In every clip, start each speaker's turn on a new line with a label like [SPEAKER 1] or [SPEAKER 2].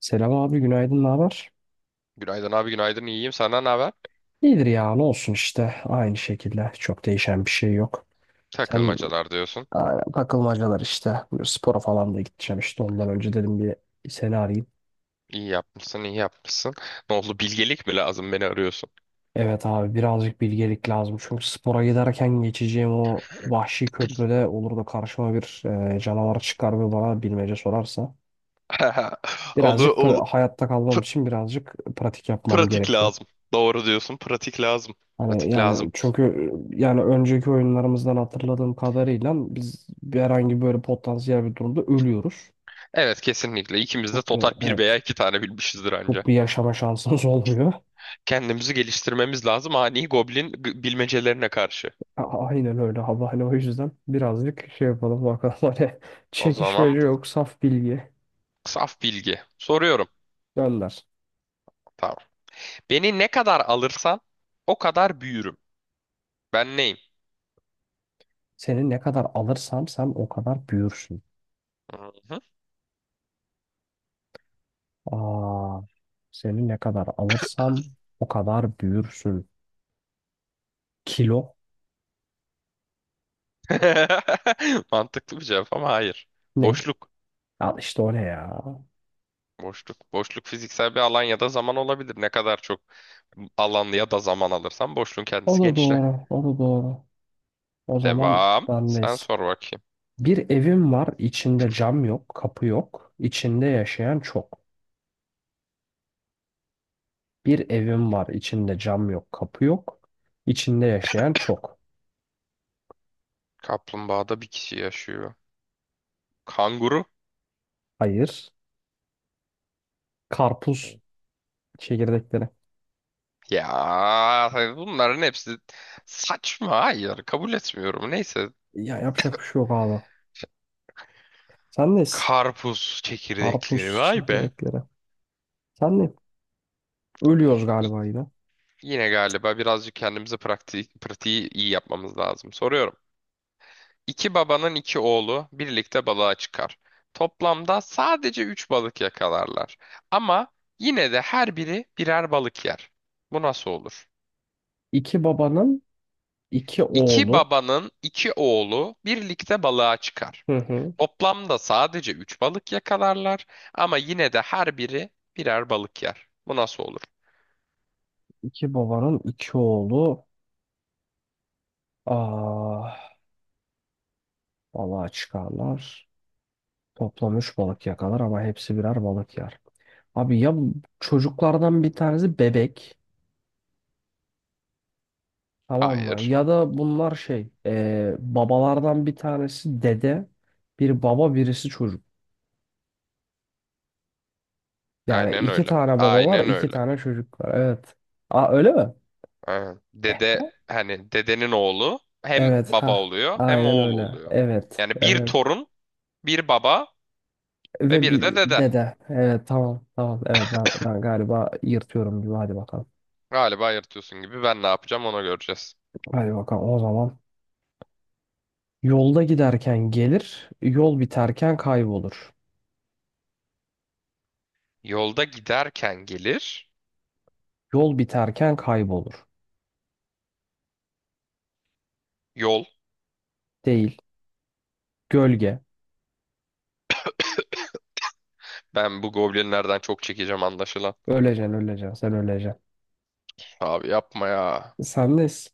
[SPEAKER 1] Selam abi, günaydın, ne haber?
[SPEAKER 2] Günaydın abi, günaydın. İyiyim senden ne haber?
[SPEAKER 1] İyidir ya, ne olsun işte, aynı şekilde çok değişen bir şey yok. Sen
[SPEAKER 2] Takılmacalar diyorsun.
[SPEAKER 1] aynen, takılmacalar işte. Bu spora falan da gideceğim işte, ondan önce dedim bir seni arayayım.
[SPEAKER 2] İyi yapmışsın, iyi yapmışsın. Ne oldu, bilgelik mi lazım, beni arıyorsun?
[SPEAKER 1] Evet abi, birazcık bilgelik lazım çünkü spora giderken geçeceğim o vahşi köprüde olur da karşıma bir canavar çıkar ve bana bilmece sorarsa
[SPEAKER 2] Onu, onu-
[SPEAKER 1] hayatta kalmam
[SPEAKER 2] pr-
[SPEAKER 1] için birazcık pratik yapmam
[SPEAKER 2] pratik
[SPEAKER 1] gerekiyor.
[SPEAKER 2] lazım. Doğru diyorsun, pratik lazım.
[SPEAKER 1] Hani
[SPEAKER 2] Pratik
[SPEAKER 1] yani
[SPEAKER 2] lazım.
[SPEAKER 1] çünkü yani önceki oyunlarımızdan hatırladığım kadarıyla biz herhangi böyle potansiyel bir durumda ölüyoruz.
[SPEAKER 2] Evet, kesinlikle ikimiz de
[SPEAKER 1] Çok bir,
[SPEAKER 2] total bir veya
[SPEAKER 1] evet
[SPEAKER 2] iki tane bilmişizdir anca.
[SPEAKER 1] Çok bir yaşama şansımız olmuyor.
[SPEAKER 2] Kendimizi geliştirmemiz lazım ani goblin bilmecelerine karşı.
[SPEAKER 1] A- Aynen öyle abi, hani o yüzden birazcık şey yapalım bakalım. Hani
[SPEAKER 2] O zaman
[SPEAKER 1] çekişmece yok, saf bilgi
[SPEAKER 2] saf bilgi. Soruyorum.
[SPEAKER 1] gönder.
[SPEAKER 2] Tamam. Beni ne kadar alırsan o kadar büyürüm. Ben neyim?
[SPEAKER 1] Seni ne kadar alırsam sen o kadar büyürsün.
[SPEAKER 2] Hı hı.
[SPEAKER 1] Aa, seni ne kadar alırsam o kadar büyürsün. Kilo
[SPEAKER 2] Mantıklı bir cevap ama hayır.
[SPEAKER 1] ne?
[SPEAKER 2] Boşluk.
[SPEAKER 1] Al işte, o ne ya?
[SPEAKER 2] Boşluk. Boşluk fiziksel bir alan ya da zaman olabilir. Ne kadar çok alan ya da zaman alırsan boşluğun
[SPEAKER 1] O
[SPEAKER 2] kendisi
[SPEAKER 1] da
[SPEAKER 2] genişler.
[SPEAKER 1] doğru, o da doğru. O zaman
[SPEAKER 2] Devam. Sen
[SPEAKER 1] bendeyiz.
[SPEAKER 2] sor bakayım.
[SPEAKER 1] Bir evim var, içinde cam yok, kapı yok. İçinde yaşayan çok. Bir evim var, içinde cam yok, kapı yok. İçinde yaşayan çok.
[SPEAKER 2] Kaplumbağada bir kişi yaşıyor. Kanguru.
[SPEAKER 1] Hayır. Karpuz çekirdekleri.
[SPEAKER 2] Ya bunların hepsi saçma. Hayır, kabul etmiyorum. Neyse.
[SPEAKER 1] Ya yapacak bir şey yok abi. Sendeyiz.
[SPEAKER 2] Karpuz çekirdekleri.
[SPEAKER 1] Karpuz
[SPEAKER 2] Vay be.
[SPEAKER 1] çekirdekleri. Sen ne? Ölüyoruz
[SPEAKER 2] İ-
[SPEAKER 1] galiba yine.
[SPEAKER 2] Yine galiba birazcık kendimize praktiği, pratiği iyi yapmamız lazım. Soruyorum. İki babanın iki oğlu birlikte balığa çıkar. Toplamda sadece üç balık yakalarlar. Ama yine de her biri birer balık yer. Bu nasıl olur?
[SPEAKER 1] İki babanın iki
[SPEAKER 2] İki
[SPEAKER 1] oğlu.
[SPEAKER 2] babanın iki oğlu birlikte balığa çıkar.
[SPEAKER 1] Hı hı.
[SPEAKER 2] Toplamda sadece üç balık yakalarlar. Ama yine de her biri birer balık yer. Bu nasıl olur?
[SPEAKER 1] İki babanın iki oğlu. Ah, balığa çıkarlar. Toplam 3 balık yakalar ama hepsi birer balık yer. Abi ya, bu çocuklardan bir tanesi bebek, tamam mı?
[SPEAKER 2] Hayır.
[SPEAKER 1] Ya da bunlar babalardan bir tanesi dede, bir baba, birisi çocuk. Yani
[SPEAKER 2] Aynen
[SPEAKER 1] iki
[SPEAKER 2] öyle.
[SPEAKER 1] tane baba var,
[SPEAKER 2] Aynen
[SPEAKER 1] iki
[SPEAKER 2] öyle.
[SPEAKER 1] tane çocuk var. Evet. Aa, öyle mi?
[SPEAKER 2] Aynen.
[SPEAKER 1] Eh,
[SPEAKER 2] Dede, hani dedenin oğlu hem
[SPEAKER 1] Evet
[SPEAKER 2] baba
[SPEAKER 1] ha.
[SPEAKER 2] oluyor hem
[SPEAKER 1] Aynen
[SPEAKER 2] oğul
[SPEAKER 1] öyle.
[SPEAKER 2] oluyor.
[SPEAKER 1] Evet.
[SPEAKER 2] Yani bir
[SPEAKER 1] Evet.
[SPEAKER 2] torun, bir baba ve
[SPEAKER 1] Ve
[SPEAKER 2] bir de
[SPEAKER 1] bir
[SPEAKER 2] dede.
[SPEAKER 1] dede. Evet, tamam. Tamam. Evet, ben galiba yırtıyorum gibi. Hadi bakalım.
[SPEAKER 2] Galiba yırtıyorsun gibi, ben ne yapacağım onu göreceğiz.
[SPEAKER 1] Hadi bakalım. O zaman yolda giderken gelir, yol biterken kaybolur.
[SPEAKER 2] Yolda giderken gelir.
[SPEAKER 1] Yol biterken kaybolur.
[SPEAKER 2] Yol.
[SPEAKER 1] Değil. Gölge.
[SPEAKER 2] Ben bu goblinlerden çok çekeceğim anlaşılan.
[SPEAKER 1] Öleceksin, öleceksin, sen öleceksin.
[SPEAKER 2] Abi yapma ya.
[SPEAKER 1] Sen de s-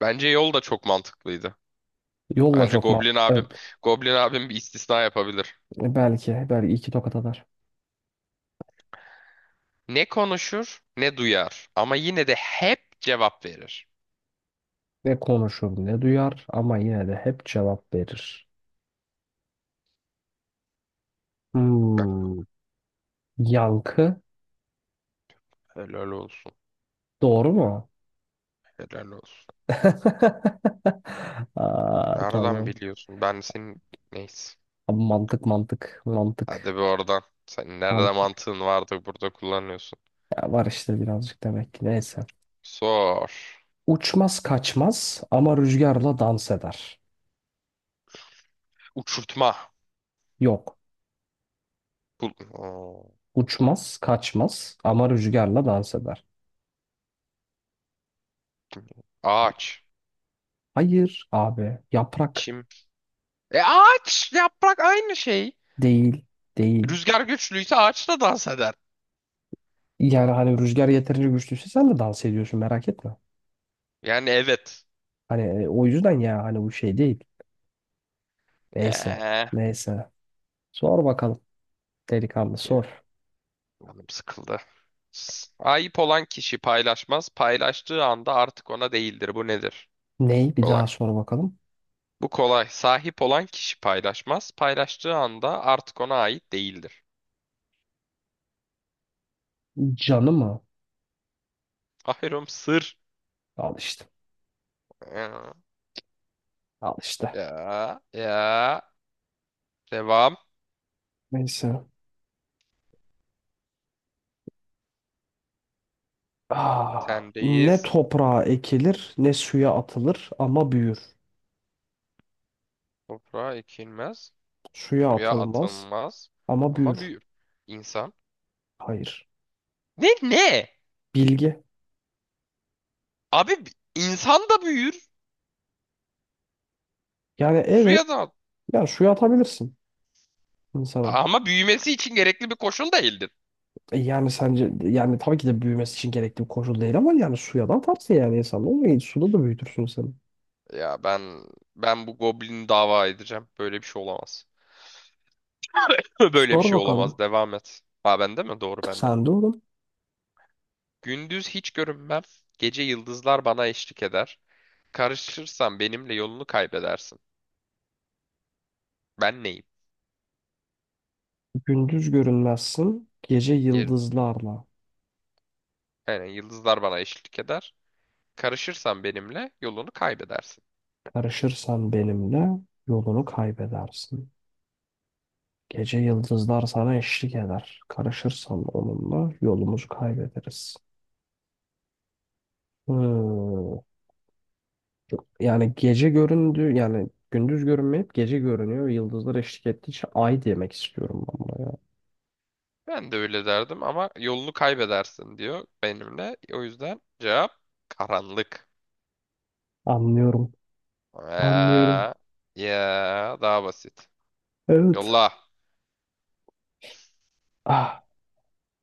[SPEAKER 2] Bence yol da çok mantıklıydı.
[SPEAKER 1] yolla
[SPEAKER 2] Bence
[SPEAKER 1] çok mal.
[SPEAKER 2] goblin abim
[SPEAKER 1] Evet,
[SPEAKER 2] goblin abim bir istisna yapabilir.
[SPEAKER 1] belki, belki iki tokat atar.
[SPEAKER 2] Ne konuşur ne duyar ama yine de hep cevap verir.
[SPEAKER 1] Ne konuşur, ne duyar ama yine de hep cevap verir.
[SPEAKER 2] Bak,
[SPEAKER 1] Hmm. Yankı.
[SPEAKER 2] helal olsun.
[SPEAKER 1] Doğru mu?
[SPEAKER 2] Helal olsun.
[SPEAKER 1] Aa, tamam.
[SPEAKER 2] Nereden biliyorsun? Ben senin, neyse.
[SPEAKER 1] Abi mantık, mantık,
[SPEAKER 2] Hadi
[SPEAKER 1] mantık.
[SPEAKER 2] bir oradan. Sen nerede
[SPEAKER 1] Mantık
[SPEAKER 2] mantığın vardı burada kullanıyorsun.
[SPEAKER 1] Ya var işte birazcık, demek ki. Neyse.
[SPEAKER 2] Sor.
[SPEAKER 1] Uçmaz kaçmaz ama rüzgarla dans eder.
[SPEAKER 2] Uçurtma.
[SPEAKER 1] Yok.
[SPEAKER 2] Bul Oo.
[SPEAKER 1] Uçmaz kaçmaz ama rüzgarla dans eder.
[SPEAKER 2] Ağaç.
[SPEAKER 1] Hayır abi. Yaprak.
[SPEAKER 2] Kim? E, ağaç, yaprak aynı şey.
[SPEAKER 1] Değil. Değil.
[SPEAKER 2] Rüzgar güçlüyse ağaç da dans eder.
[SPEAKER 1] Yani hani rüzgar yeterince güçlüyse sen de dans ediyorsun, merak etme.
[SPEAKER 2] Yani evet.
[SPEAKER 1] Hani o yüzden ya, hani bu şey değil. Neyse.
[SPEAKER 2] Yeah.
[SPEAKER 1] Neyse. Sor bakalım. Delikanlı sor.
[SPEAKER 2] Canım sıkıldı. Ayıp olan kişi paylaşmaz. Paylaştığı anda artık ona değildir. Bu nedir? Bu
[SPEAKER 1] Ney? Bir
[SPEAKER 2] kolay.
[SPEAKER 1] daha sor bakalım.
[SPEAKER 2] Bu kolay. Sahip olan kişi paylaşmaz. Paylaştığı anda artık ona ait değildir.
[SPEAKER 1] Canı mı?
[SPEAKER 2] Aferin, sır.
[SPEAKER 1] Al işte.
[SPEAKER 2] Ya,
[SPEAKER 1] Al işte.
[SPEAKER 2] ya, ya. Devam.
[SPEAKER 1] Neyse. Ah, ne
[SPEAKER 2] Sendeyiz.
[SPEAKER 1] toprağa ekilir, ne suya atılır ama büyür.
[SPEAKER 2] Toprağa ekilmez,
[SPEAKER 1] Suya
[SPEAKER 2] suya
[SPEAKER 1] atılmaz
[SPEAKER 2] atılmaz
[SPEAKER 1] ama büyür.
[SPEAKER 2] ama büyür. İnsan.
[SPEAKER 1] Hayır.
[SPEAKER 2] Ne, ne?
[SPEAKER 1] Bilgi.
[SPEAKER 2] Abi insan da büyür,
[SPEAKER 1] Yani evet.
[SPEAKER 2] suya da
[SPEAKER 1] Ya suya atabilirsin insana.
[SPEAKER 2] ama büyümesi için gerekli bir koşul değildir.
[SPEAKER 1] E yani, sence yani tabii ki de büyümesi için gerekli bir koşul değil ama yani suya da atarsın yani insan. Olmayı suda da büyütürsün seni.
[SPEAKER 2] Ya ben bu goblini dava edeceğim. Böyle bir şey olamaz. Böyle bir
[SPEAKER 1] Sor
[SPEAKER 2] şey olamaz.
[SPEAKER 1] bakalım.
[SPEAKER 2] Devam et. Ha, bende mi? Doğru, bende.
[SPEAKER 1] Sen de oğlum.
[SPEAKER 2] Gündüz hiç görünmem. Gece yıldızlar bana eşlik eder. Karışırsan benimle yolunu kaybedersin. Ben neyim?
[SPEAKER 1] Gündüz görünmezsin. Gece
[SPEAKER 2] Yerim.
[SPEAKER 1] yıldızlarla.
[SPEAKER 2] Aynen, yıldızlar bana eşlik eder. Karışırsan benimle yolunu kaybedersin.
[SPEAKER 1] Karışırsan benimle yolunu kaybedersin. Gece yıldızlar sana eşlik eder. Karışırsan onunla yolumuzu kaybederiz. Hmm. Yani gece göründü, yani gündüz görünmeyip gece görünüyor. Yıldızlar eşlik ettiği için ay demek istiyorum ben buna ya.
[SPEAKER 2] Ben de öyle derdim ama yolunu kaybedersin diyor benimle. O yüzden cevap karanlık.
[SPEAKER 1] Anlıyorum.
[SPEAKER 2] Ya,
[SPEAKER 1] Anlıyorum.
[SPEAKER 2] ya daha basit.
[SPEAKER 1] Evet.
[SPEAKER 2] Yolla.
[SPEAKER 1] Ah,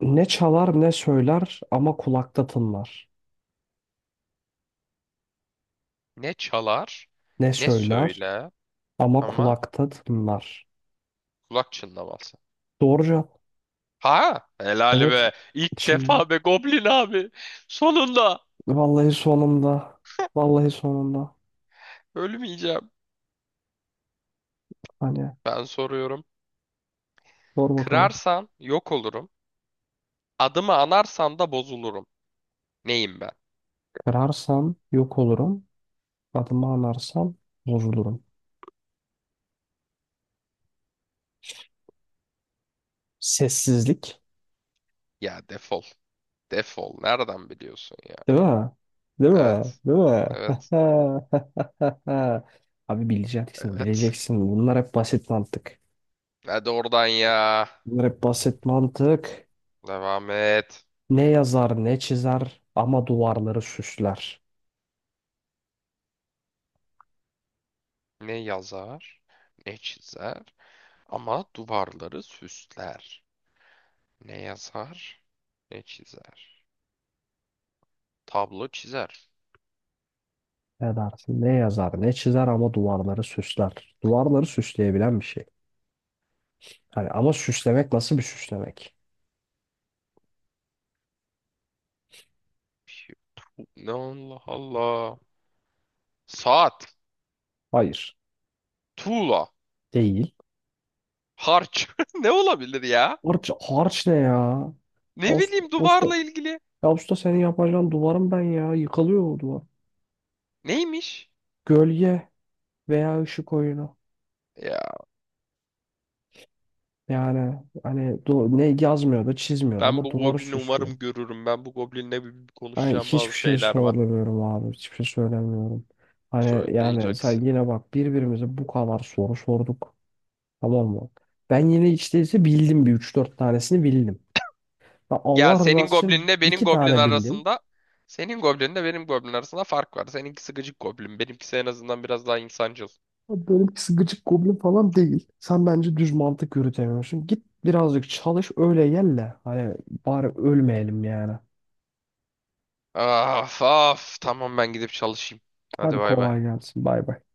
[SPEAKER 1] ne çalar, ne söyler ama kulakta tınlar.
[SPEAKER 2] Ne çalar,
[SPEAKER 1] Ne
[SPEAKER 2] ne
[SPEAKER 1] söyler
[SPEAKER 2] söyle
[SPEAKER 1] ama
[SPEAKER 2] ama
[SPEAKER 1] kulakta tınlar.
[SPEAKER 2] kulak çınlaması.
[SPEAKER 1] Doğru cevap.
[SPEAKER 2] Ha helal
[SPEAKER 1] Evet.
[SPEAKER 2] be. İlk
[SPEAKER 1] Şimdi
[SPEAKER 2] defa be Goblin abi. Sonunda
[SPEAKER 1] vallahi sonunda. Vallahi sonunda.
[SPEAKER 2] ölmeyeceğim.
[SPEAKER 1] Hani
[SPEAKER 2] Ben soruyorum.
[SPEAKER 1] sor bakalım.
[SPEAKER 2] Kırarsan yok olurum. Adımı anarsan da bozulurum. Neyim ben?
[SPEAKER 1] Kırarsam yok olurum. Adımı anarsam bozulurum. Sessizlik.
[SPEAKER 2] Ya defol. Defol. Nereden biliyorsun ya?
[SPEAKER 1] Değil mi? Değil mi?
[SPEAKER 2] Evet.
[SPEAKER 1] Değil mi?
[SPEAKER 2] Evet.
[SPEAKER 1] Abi bileceksin,
[SPEAKER 2] Evet.
[SPEAKER 1] bileceksin. Bunlar hep basit mantık.
[SPEAKER 2] Hadi oradan ya.
[SPEAKER 1] Bunlar hep basit mantık.
[SPEAKER 2] Devam et.
[SPEAKER 1] Ne yazar, ne çizer ama duvarları süsler.
[SPEAKER 2] Ne yazar, ne çizer ama duvarları süsler. Ne yazar, ne çizer. Tablo çizer.
[SPEAKER 1] Ne dersin? Ne yazar, ne çizer ama duvarları süsler. Duvarları süsleyebilen bir şey. Hani ama süslemek, nasıl bir süslemek?
[SPEAKER 2] Ne, Allah Allah. Saat,
[SPEAKER 1] Hayır,
[SPEAKER 2] tuğla,
[SPEAKER 1] değil.
[SPEAKER 2] harç. Ne olabilir ya?
[SPEAKER 1] Harç, harç ne ya? Ya
[SPEAKER 2] Ne
[SPEAKER 1] usta,
[SPEAKER 2] bileyim,
[SPEAKER 1] usta,
[SPEAKER 2] duvarla ilgili.
[SPEAKER 1] ya usta, senin yapacağın duvarım ben ya. Yıkılıyor o duvar.
[SPEAKER 2] Neymiş?
[SPEAKER 1] Gölge. Veya ışık oyunu.
[SPEAKER 2] Ya,
[SPEAKER 1] Yani ne yazmıyordu, çizmiyordu
[SPEAKER 2] ben
[SPEAKER 1] ama
[SPEAKER 2] bu
[SPEAKER 1] duvarı
[SPEAKER 2] goblini
[SPEAKER 1] süslüyor.
[SPEAKER 2] umarım görürüm. Ben bu goblinle bir bir
[SPEAKER 1] Hani
[SPEAKER 2] konuşacağım, bazı
[SPEAKER 1] hiçbir şey
[SPEAKER 2] şeyler var.
[SPEAKER 1] sormuyorum abi, hiçbir şey söylemiyorum. Hani yani sen
[SPEAKER 2] Söyleyeceksin.
[SPEAKER 1] yine bak, birbirimize bu kadar soru sorduk. Tamam mı? Ben yine hiç değilse bildim, bir üç dört tanesini bildim. Ben
[SPEAKER 2] Ya,
[SPEAKER 1] Allah rızası için iki tane bildim.
[SPEAKER 2] senin goblinle benim goblin arasında fark var. Seninkisi gıcık goblin. Benimkisi en azından biraz daha insancıl.
[SPEAKER 1] Ama benimkisi gıcık goblin falan değil. Sen bence düz mantık yürütemiyorsun. Git birazcık çalış öyle gel de. Hani bari ölmeyelim yani.
[SPEAKER 2] Af af. Tamam, ben gidip çalışayım. Hadi
[SPEAKER 1] Hadi
[SPEAKER 2] bay bay.
[SPEAKER 1] kolay gelsin. Bay bay.